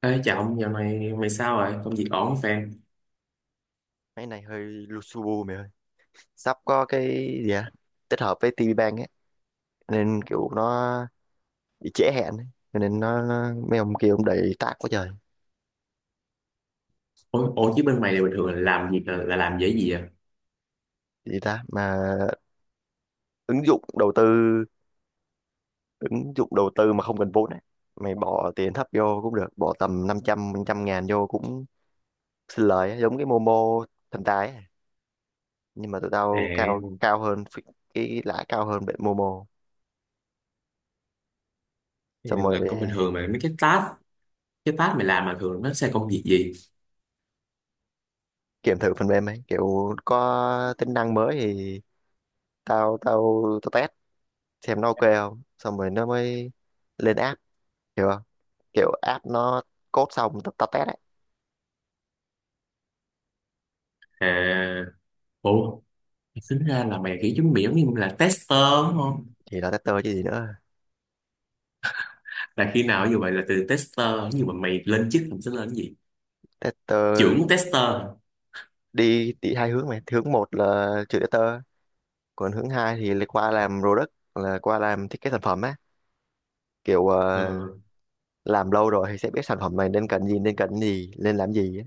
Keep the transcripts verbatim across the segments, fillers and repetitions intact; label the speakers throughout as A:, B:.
A: Ê, chào ông, dạo này mày sao rồi? Công việc ổn không fan?
B: Máy này hơi lu su bu mày ơi. Sắp có cái gì à? Tích hợp với ti vi Bang ấy. Nên kiểu nó bị trễ hẹn ấy. Cho nên nó, nó mấy ông kia ông đầy tác quá trời.
A: Ủa, ủa chứ bên mày là bình thường là làm việc là, là làm về cái gì à?
B: Gì ta? Mà ứng dụng đầu tư ứng dụng đầu tư mà không cần vốn ấy. Mày bỏ tiền thấp vô cũng được. Bỏ tầm năm trăm, trăm ngàn vô cũng xin lời ấy. Giống cái Momo thần tài ấy. Nhưng mà tụi
A: À,
B: tao cao cao hơn phí- cái lãi cao hơn bên Momo. Xong rồi
A: là công bình thường mà mấy cái task, cái task mày làm mà thường nó sẽ công việc gì?
B: kiểm thử phần mềm ấy. Kiểu có tính năng mới thì tao tao tao test xem nó ok không, xong rồi nó mới lên app, hiểu không? Kiểu app nó code xong tao, tao test ấy.
A: À, ủa, tính ra là mày kiểu giống miệng như là tester đúng không?
B: Thì là tester chứ gì nữa.
A: Là khi nào như vậy là từ tester, nhưng mà mày lên chức mình sẽ lên cái gì?
B: Tester
A: Trưởng tester.
B: đi đi hai hướng mày, hướng một là chữ tester, còn hướng hai thì lại qua làm product, là qua làm thiết kế sản phẩm á. Kiểu ờ,
A: Ừ,
B: làm lâu rồi thì sẽ biết sản phẩm này nên cần gì, nên cần gì nên làm gì á.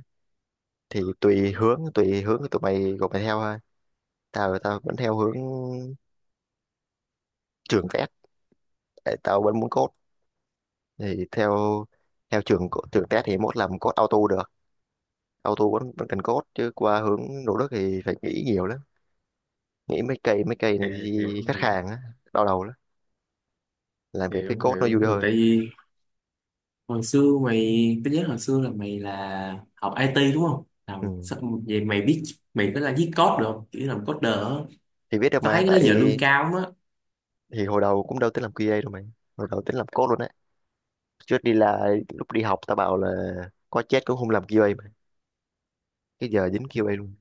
B: Thì tùy hướng tùy hướng của tụi mày của mày theo thôi. Tao tao vẫn theo hướng trường test, tại tao vẫn muốn code. Thì theo theo trường co- trường test thì mốt làm code auto được, auto vẫn vẫn cần code. Chứ qua hướng nỗ lực thì phải nghĩ nhiều lắm, nghĩ mấy cây mấy cây
A: à,
B: này
A: hiểu,
B: thì khách
A: hiểu,
B: hàng á, đau đầu lắm. Làm việc với
A: hiểu,
B: code nó
A: hiểu.
B: vui
A: Thì
B: hơn.
A: tại vì hồi xưa mày, tao nhớ hồi xưa là mày là học i tê đúng không,
B: Ừ.
A: làm sao vậy mày biết mày có là viết code được không, kiểu làm coder á?
B: Thì biết được
A: Tao thấy
B: mà,
A: cái đó
B: tại
A: giờ lương cao lắm á.
B: thì hồi đầu cũng đâu tính làm QA đâu mày, hồi đầu tính làm code luôn á. Trước đi là lúc đi học tao bảo là có chết cũng không làm QA mà, cái giờ dính QA luôn.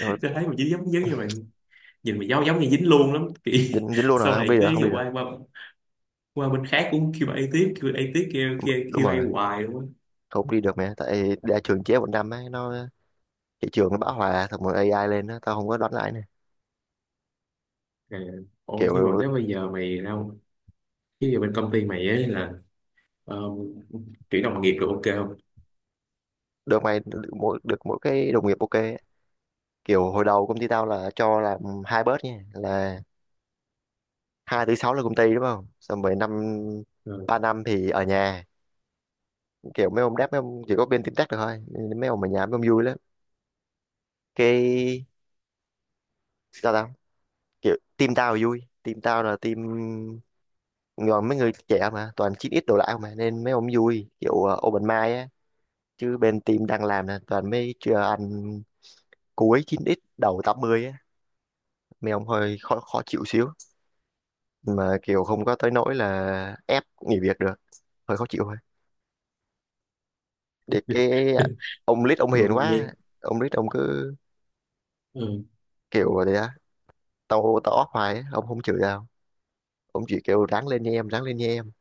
B: Rồi,
A: Tao thấy mày chỉ giống giống như mày, nhìn mày giống giống như dính luôn lắm kiểu.
B: dính dính luôn
A: Sau
B: rồi, không
A: này
B: đi
A: cứ
B: được, không
A: dù
B: đi được
A: qua qua qua bên khác cũng kêu quy a tiếp, kêu quy a tiếp, kêu kêu
B: đúng
A: quy a
B: rồi.
A: hoài luôn á.
B: Không đi được mẹ, tại ra trường chế một năm á nó, thị trường nó bão hòa, xong rồi AI lên á, tao không có đoán lại nè.
A: Rồi, ủa nhưng mà
B: Kiểu
A: nếu bây giờ mày đâu, bây giờ bên công ty mày ấy là um, chuyển đồng nghiệp được ok không?
B: được mày, được mỗi được mỗi cái đồng nghiệp ok á. Kiểu hồi đầu công ty tao là cho làm hai bớt nha, là hai tới sáu là công ty đúng không, xong rồi năm
A: Ờ,
B: ba năm thì ở nhà. Kiểu mấy ông đáp, mấy ông chỉ có bên team tech được thôi, nên mấy ông ở nhà mấy ông vui lắm. Cái sao tao, kiểu team tao vui, team tao là team còn mấy người trẻ mà toàn chín x đồ lại mà, nên mấy ông vui kiểu ờ, open mind á. Chứ bên team đang làm là toàn mấy chưa ăn cuối chín x đầu tám mươi á, mấy ông hơi khó khó chịu xíu, mà kiểu không có tới nỗi là ép nghỉ việc được, hơi khó chịu thôi. Để cái ông lít ông hiền
A: nghe
B: quá. Ông lít ông cứ
A: ừ,
B: kiểu vậy á. Tao tao off hoài á, ông không chửi tao, ông chỉ kêu ráng lên nha em, ráng lên nha em.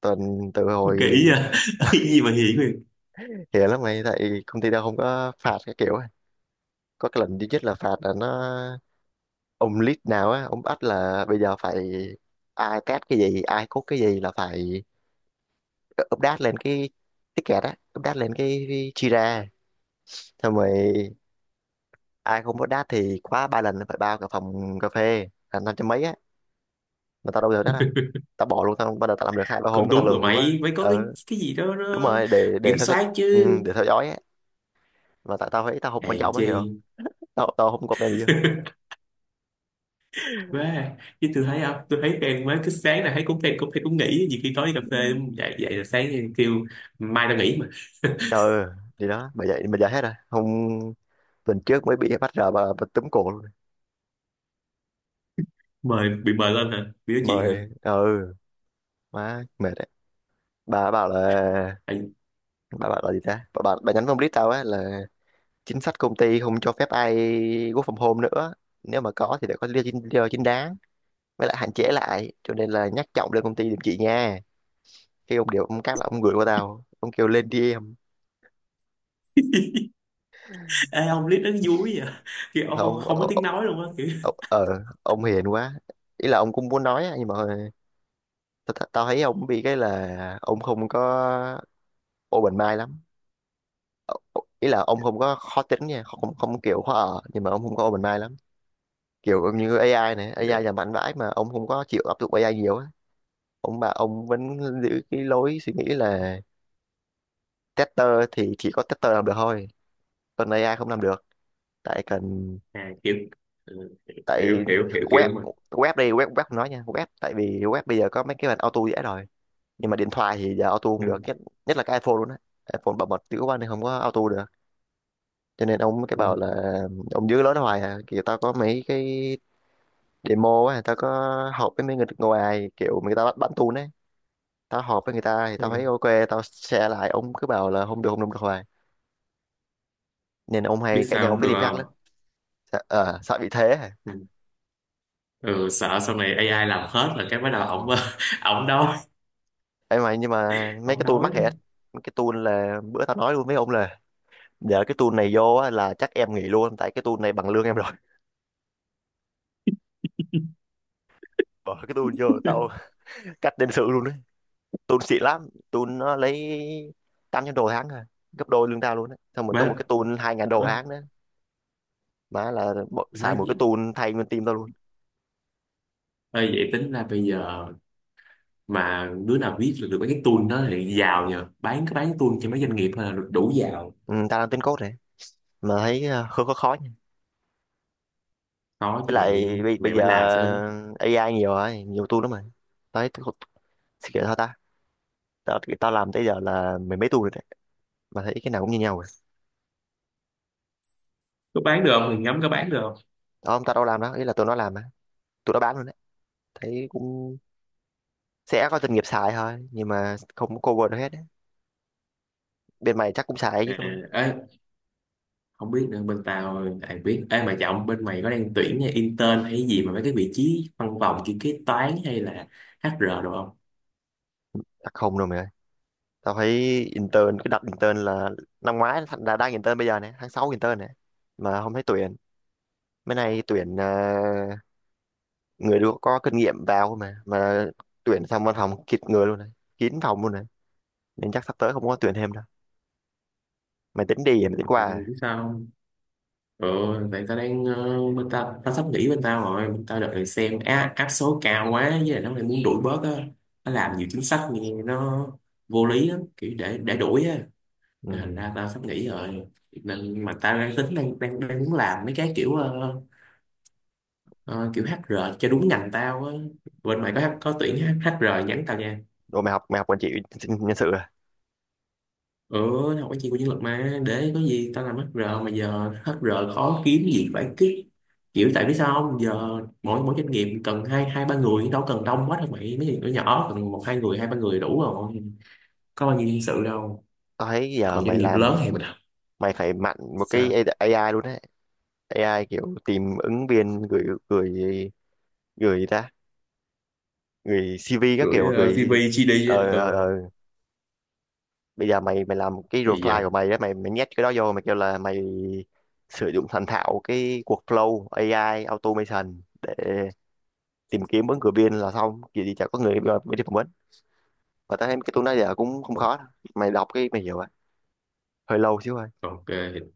B: Tuần từ hồi
A: kỹ à. Cái gì mà hiển,
B: hiền lắm mày, tại công ty tao không có phạt cái kiểu á. Có cái lần duy nhất là phạt là nó ông lead nào á, ông bắt là bây giờ phải ai test cái gì ai code cái gì là phải update lên cái ticket á, update lên cái, cái Jira, xong rồi ai không update thì khóa ba lần phải bao cả phòng cà phê là năm trăm mấy á. Mà tao đâu được đó đâu. Tao bỏ luôn, tao bắt đầu tao làm được hai ba
A: cũng
B: hôm tao
A: đúng rồi,
B: lười quá.
A: mày phải có cái
B: Ừ
A: cái gì đó
B: đúng
A: nó
B: rồi, để để
A: kiểm
B: theo sách,
A: soát chứ.
B: ừ, để theo dõi á. Mà tại tao thấy tao không quan
A: Hèn
B: trọng á
A: chi
B: hiểu không, tao tao không comment gì
A: quá, chứ tôi thấy không, tôi thấy em mới cứ sáng là thấy, cũng em cũng thấy cũng nghỉ, nhiều khi tối đi cà phê dậy, dậy là sáng kêu mai tao nghỉ mà.
B: đâu. Ừ thì đó, bởi vậy bây giờ hết rồi, hôm tuần trước mới bị bắt ra bà, bà túm cổ luôn.
A: Mời, bị mời lên hả, bị nói chuyện hả?
B: Mời ừ, má mệt đấy. bà bảo là
A: Tại-
B: bà bảo là gì ta, bà bà, bà nhắn phong list tao á là chính sách công ty không cho phép ai work from home nữa, nếu mà có thì phải có lý do chính, lý do chính đáng, với lại hạn chế lại, cho nên là nhắc trọng lên công ty giùm chị nha. Khi ông điều ông cắt là ông gửi qua tao, ông kêu lên đi em.
A: Ê, ông clip nó vui vậy à? Kiểu ông
B: Thôi
A: không,
B: ông
A: không có
B: ờ
A: tiếng nói luôn á kiểu.
B: ờ, ờ, ờ, ông hiền quá. Ý là ông cũng muốn nói á, nhưng mà tao tao tao thấy ông bị cái là ông không có open mind lắm. Ờ, ờ, Ý là ông không có khó tính nha, không không kiểu khó ở, nhưng mà ông không có open mind lắm. Kiểu như AI này, AI là mạnh vãi mà ông không có chịu áp dụng AI nhiều á. Ông mà ông vẫn giữ cái lối suy nghĩ là tester thì chỉ có tester làm được thôi, còn AI không làm được. Tại cần,
A: À, kiểu ừ, hiểu
B: tại
A: hiểu hiểu kiểu
B: web
A: mình.
B: web đi, web web không nói nha, web tại vì web bây giờ có mấy cái bản auto dễ rồi, nhưng mà điện thoại thì giờ auto không được.
A: ừ,
B: Nhất Nhất là cái iPhone luôn á, iPhone bảo mật dữ quá nên không có auto được. Cho nên ông mới cái bảo
A: ừ,
B: là ông giữ lối đó hoài à. Kiểu tao có mấy cái demo á, tao có họp với mấy người ngoài kiểu người ta bắt bắn tun ấy, tao họp với người ta thì tao
A: ừ.
B: thấy ok. Tao share lại ông cứ bảo là không được không được không được hoài, nên ông
A: Biết
B: hay cãi
A: sao
B: nhau
A: không
B: với
A: được
B: team khác lắm.
A: không?
B: Sợ, ờ, sợ bị thế hả?
A: Ừ, ừ, sợ sau này a i làm hết là cái bắt đầu ổng
B: Ừ.
A: ổng đâu
B: Ấy mà nhưng mà mấy
A: không
B: cái tool
A: đói
B: mắc
A: nữa.
B: hết. Mấy cái tool là bữa tao nói luôn với ông là để cái tool này vô á, là chắc em nghỉ luôn tại cái tool này bằng lương em rồi. Bỏ cái tool vô là tao cắt nhân sự luôn đấy. Tool xịn lắm, tool nó lấy tám trăm đô tháng à, gấp đôi lương tao luôn đấy, xong rồi có một
A: Má
B: cái tool hai ngàn đô
A: ơi,
B: tháng nữa mà là bỏ-
A: má
B: xài một cái
A: vậy
B: tool thay nguyên team tao luôn.
A: ơi, vậy tính ra bây giờ mà đứa nào viết được, được mấy cái tool đó thì giàu, nhờ bán cái bán cái tool cho mấy doanh nghiệp thôi là được đủ giàu.
B: Ừ, tao đang tính code này mà thấy ờ, khó khó khó nha.
A: Có chứ
B: Với lại
A: mày,
B: bây,
A: mày
B: bây
A: phải
B: giờ
A: làm sao đó.
B: AI nhiều rồi, nhiều tool lắm mà. Tao thấy thì kiểu sao ta, tao, thì tao làm tới giờ là mười mấy tuần rồi đấy mà thấy cái nào cũng như nhau rồi.
A: Có bán được không thì ngắm có bán được không.
B: Đó ông tao đâu làm đó, ý là tụi nó làm á, tụi nó bán luôn đấy. Thấy cũng sẽ có doanh nghiệp xài thôi nhưng mà không có cover được hết đấy. Bên mày chắc cũng xài
A: À,
B: chứ đúng không?
A: ê, không biết nữa, bên tao ai biết. Ê mà trọng, bên mày có đang tuyển intern hay gì mà mấy cái vị trí văn phòng kiểu kế toán hay là hát e rờ được không?
B: Chắc không đâu mày ơi. Tao thấy intern cái đợt intern là năm ngoái, là đang intern bây giờ này tháng sáu intern này mà không thấy tuyển. Mấy này tuyển à, người được có kinh nghiệm vào mà mà tuyển xong văn phòng kịt người luôn này, kín phòng luôn này, nên chắc sắp tới không có tuyển thêm đâu. Mày tính đi
A: Ừ,
B: à, mày tính qua
A: tại vì
B: à?
A: biết sao không? Ờ, tại tao đang ờ, bên ta, tao sắp nghỉ bên tao rồi, bên tao đợt này xem á, áp số cao quá, với lại nó lại muốn đuổi bớt á, nó làm nhiều chính sách nghe nó vô lý lắm, kiểu để để đuổi á. Nên thành
B: Ừ.
A: ra tao sắp nghỉ rồi, nên mà tao đang tính đang đang, đang muốn làm mấy cái kiểu ờ, ờ, kiểu hát e rờ cho đúng ngành tao á. Bên mày có có tuyển hát HR nhắn tao nha.
B: Đồ mày học, mày học quản trị nhân sự à?
A: Ừ, học cái chi của nhân lực mà, để có gì tao làm hát e rờ, mà giờ hát e rờ khó kiếm, gì phải kiếm, kiểu tại vì sao không, giờ mỗi mỗi doanh nghiệp cần hai hai ba người đâu, cần đông quá đâu mày, mấy doanh nghiệp nhỏ cần một hai người, hai ba người đủ rồi, có bao nhiêu nhân sự đâu.
B: Tao thấy giờ
A: Còn doanh
B: mày
A: nghiệp
B: làm
A: lớn thì mình học
B: mày phải mạnh một cái
A: sao,
B: AI luôn đấy. AI kiểu tìm ứng viên, gửi gửi gửi gì ta, gửi CV các
A: gửi
B: kiểu
A: ờ,
B: gửi
A: xê vê giê đê á,
B: ờ, ờ,
A: ờ
B: ờ. Bây giờ mày mày làm cái
A: thì
B: reply
A: giờ
B: của mày đó, mày mày nhét cái đó vô, mày kêu là mày sử dụng thành thạo cái workflow AI automation để tìm kiếm ứng cử viên là xong, kiểu gì chả có người mà mới đi phỏng vấn. Và tao thấy cái tool đó giờ cũng không
A: ok
B: khó đâu. Mày đọc cái mày hiểu à, hơi lâu xíu thôi.
A: ok.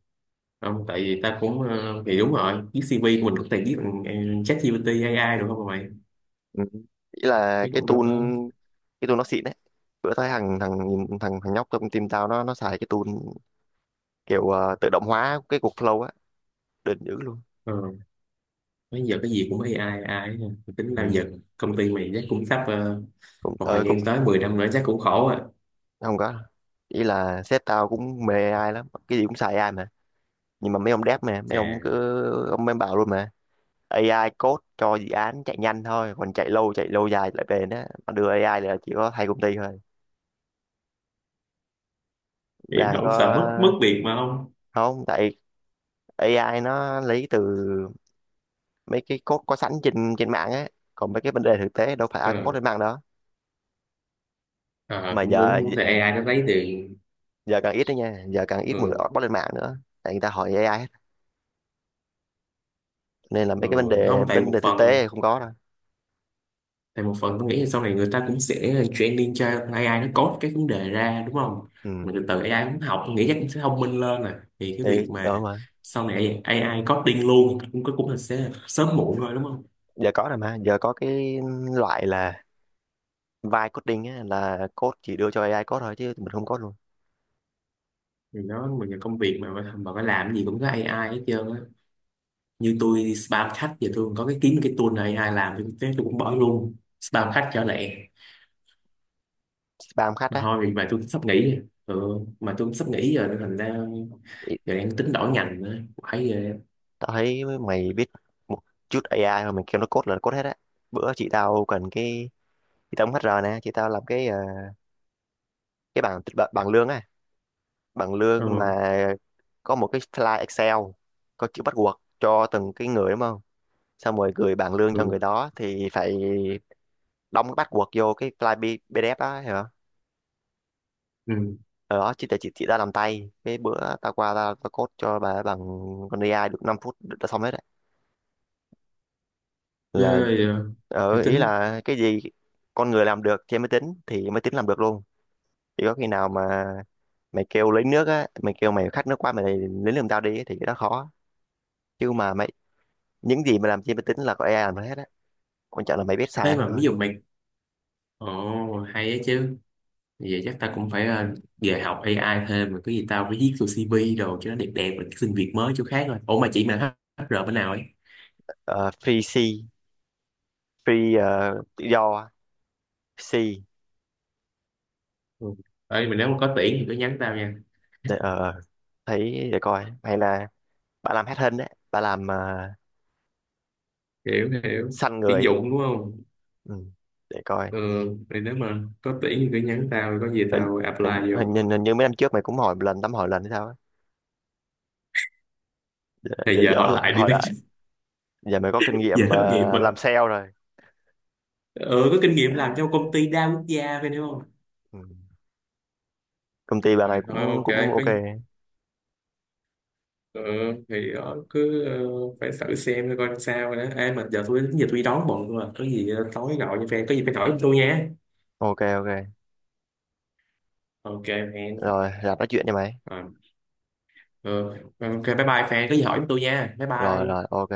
A: Không tại vì ta cũng ờ, thì đúng rồi, viết xê vê của mình có thể viết bằng ờ, ChatGPT a i được không mà mày?
B: Ừ. Ý là
A: Chứ
B: cái
A: cũng
B: tool,
A: đâu có.
B: cái tool nó xịn đấy. Bữa thấy thằng thằng thằng thằng nhóc trong team tao nó nó xài cái tool kiểu ờ, tự động hóa cái cục flow á, đỉnh dữ luôn.
A: Ờ, bây giờ cái gì cũng a i, a i hết à. Tính bao
B: Ừ.
A: giờ công ty mày chắc cũng sắp ờ,
B: Cũng
A: một thời
B: ờ, cũng
A: gian tới mười năm nữa chắc cũng khổ à.
B: không có, ý là sếp tao cũng mê AI lắm, cái gì cũng xài AI mà, nhưng mà mấy ông dev mà mấy ông
A: À
B: cứ ông mới bảo luôn mà AI code cho dự án chạy nhanh thôi, còn chạy lâu, chạy lâu dài lại bền á mà đưa AI là chỉ có hai công ty thôi
A: hiểm
B: đang có.
A: không, sợ mất mất việc mà không?
B: Không, tại AI nó lấy từ mấy cái code có sẵn trên trên mạng á, còn mấy cái vấn đề thực tế đâu phải ai
A: Ờ,
B: cũng post lên mạng đó
A: ờ,
B: mà.
A: cũng đúng,
B: Giờ
A: cũng tại a i nó lấy tiền.
B: Giờ càng ít đấy nha, giờ càng ít người
A: ừ,
B: post lên mạng nữa tại người ta hỏi AI hết. Nên là
A: ừ.
B: mấy cái vấn đề
A: Không tại
B: vấn
A: một
B: đề thực
A: phần,
B: tế không có đâu.
A: tại một phần tôi nghĩ là sau này người ta cũng sẽ training cho a i nó code cái vấn đề ra, đúng không?
B: Ừ
A: Mà từ từ a i cũng học, tôi nghĩ chắc cũng sẽ thông minh lên à, thì cái việc
B: đấy
A: mà
B: đó mà
A: sau này a i coding luôn cũng cũng là sẽ sớm muộn thôi đúng không?
B: giờ có rồi, mà giờ có cái loại là vibe coding á, là code chỉ đưa cho AI code thôi chứ mình không code luôn.
A: Thì nó, mình là công việc mà mà mà phải làm cái gì cũng có a i hết trơn á. Như tôi đi spam khách, giờ tôi có cái kiếm cái tool này a i làm tôi, thế tôi cũng bỏ luôn spam khách trở lại.
B: Spam khách
A: Mà
B: á.
A: thôi vì mà tôi sắp nghỉ, ừ, mà tôi cũng sắp nghỉ giờ nên thành ra
B: Ý,
A: giờ đang tính đổi ngành nữa phải về.
B: tao thấy mày biết một chút AI rồi mày kêu nó code là code hết á. Bữa chị tao cần cái, chị tao cũng HR nè, chị tao làm cái ờ, cái bảng bảng lương á, bằng
A: ừ,
B: lương mà có một cái file Excel, có chữ bắt buộc cho từng cái người đúng không, xong rồi gửi bảng lương cho
A: ừ,
B: người đó thì phải đóng cái bắt buộc vô cái file P- PDF đó hả.
A: ừ.
B: Ở đó chị tại chị chị đã làm tay, cái bữa tao qua tao, tao code cho bà bằng con AI được năm phút đã xong hết đấy.
A: Ghê
B: Là
A: vậy à. Thì
B: ở ý
A: tính
B: là cái gì con người làm được trên máy tính thì máy tính làm được luôn. Chỉ có khi nào mà mày kêu lấy nước á, mày kêu mày khát nước quá mày lấy nước làm tao đi á, thì cái đó khó. Chứ mà mày những gì mà làm trên máy tính là có AI làm hết á, quan trọng là mày biết
A: thế,
B: xài không
A: mà ví
B: thôi.
A: dụ mày, ồ hay á chứ. Vậy chắc ta cũng phải ờ, về học a i thêm, mà cái gì tao phải viết vô xê vê đồ cho nó đẹp đẹp rồi xin việc mới chỗ khác. Rồi ủa mà chị mà hát e rờ bên nào ấy?
B: Ờ, free C, free ờ, tự do C.
A: Ừ. Ê, mình nếu mà có tuyển thì cứ nhắn tao nha.
B: Để, ờ, thấy để coi, hay là bà làm hết hình đấy, bà làm uh,
A: Hiểu hiểu,
B: săn
A: tuyển
B: người ấy.
A: dụng đúng không?
B: Ừ, để coi.
A: Ừ, thì nếu mà có tuyển thì cứ nhắn tao, có gì
B: hình,
A: tao
B: hình,
A: apply vô.
B: hình, hình, Hình như mấy năm trước mày cũng hỏi một lần, tắm hỏi lần hay sao á. Để,
A: Thì
B: để
A: giờ
B: giờ
A: hỏi lại đi
B: hỏi
A: mấy chứ.
B: lại. Giờ mày có kinh
A: Giờ
B: nghiệm
A: thất nghiệp
B: ờ,
A: rồi,
B: làm sale rồi.
A: ừ, có kinh nghiệm làm trong công ty đa quốc gia phải không.
B: Ừ. Công ty bà
A: À,
B: này
A: thôi
B: cũng
A: ok,
B: cũng
A: có,
B: ok.
A: ừ, thì đó, cứ ờ, phải thử xem coi coi sao rồi đó. Ê, mà giờ tôi, giờ tôi đi đón bọn tôi à, có gì ờ, tối gọi cho fan có gì phải hỏi tôi nha.
B: Ok, ok
A: Ok fan.
B: rồi làm nói chuyện cho mày.
A: Ờ, ừ. Ok bye bye fan, có gì hỏi tôi nha, bye
B: Rồi
A: bye.
B: rồi ok.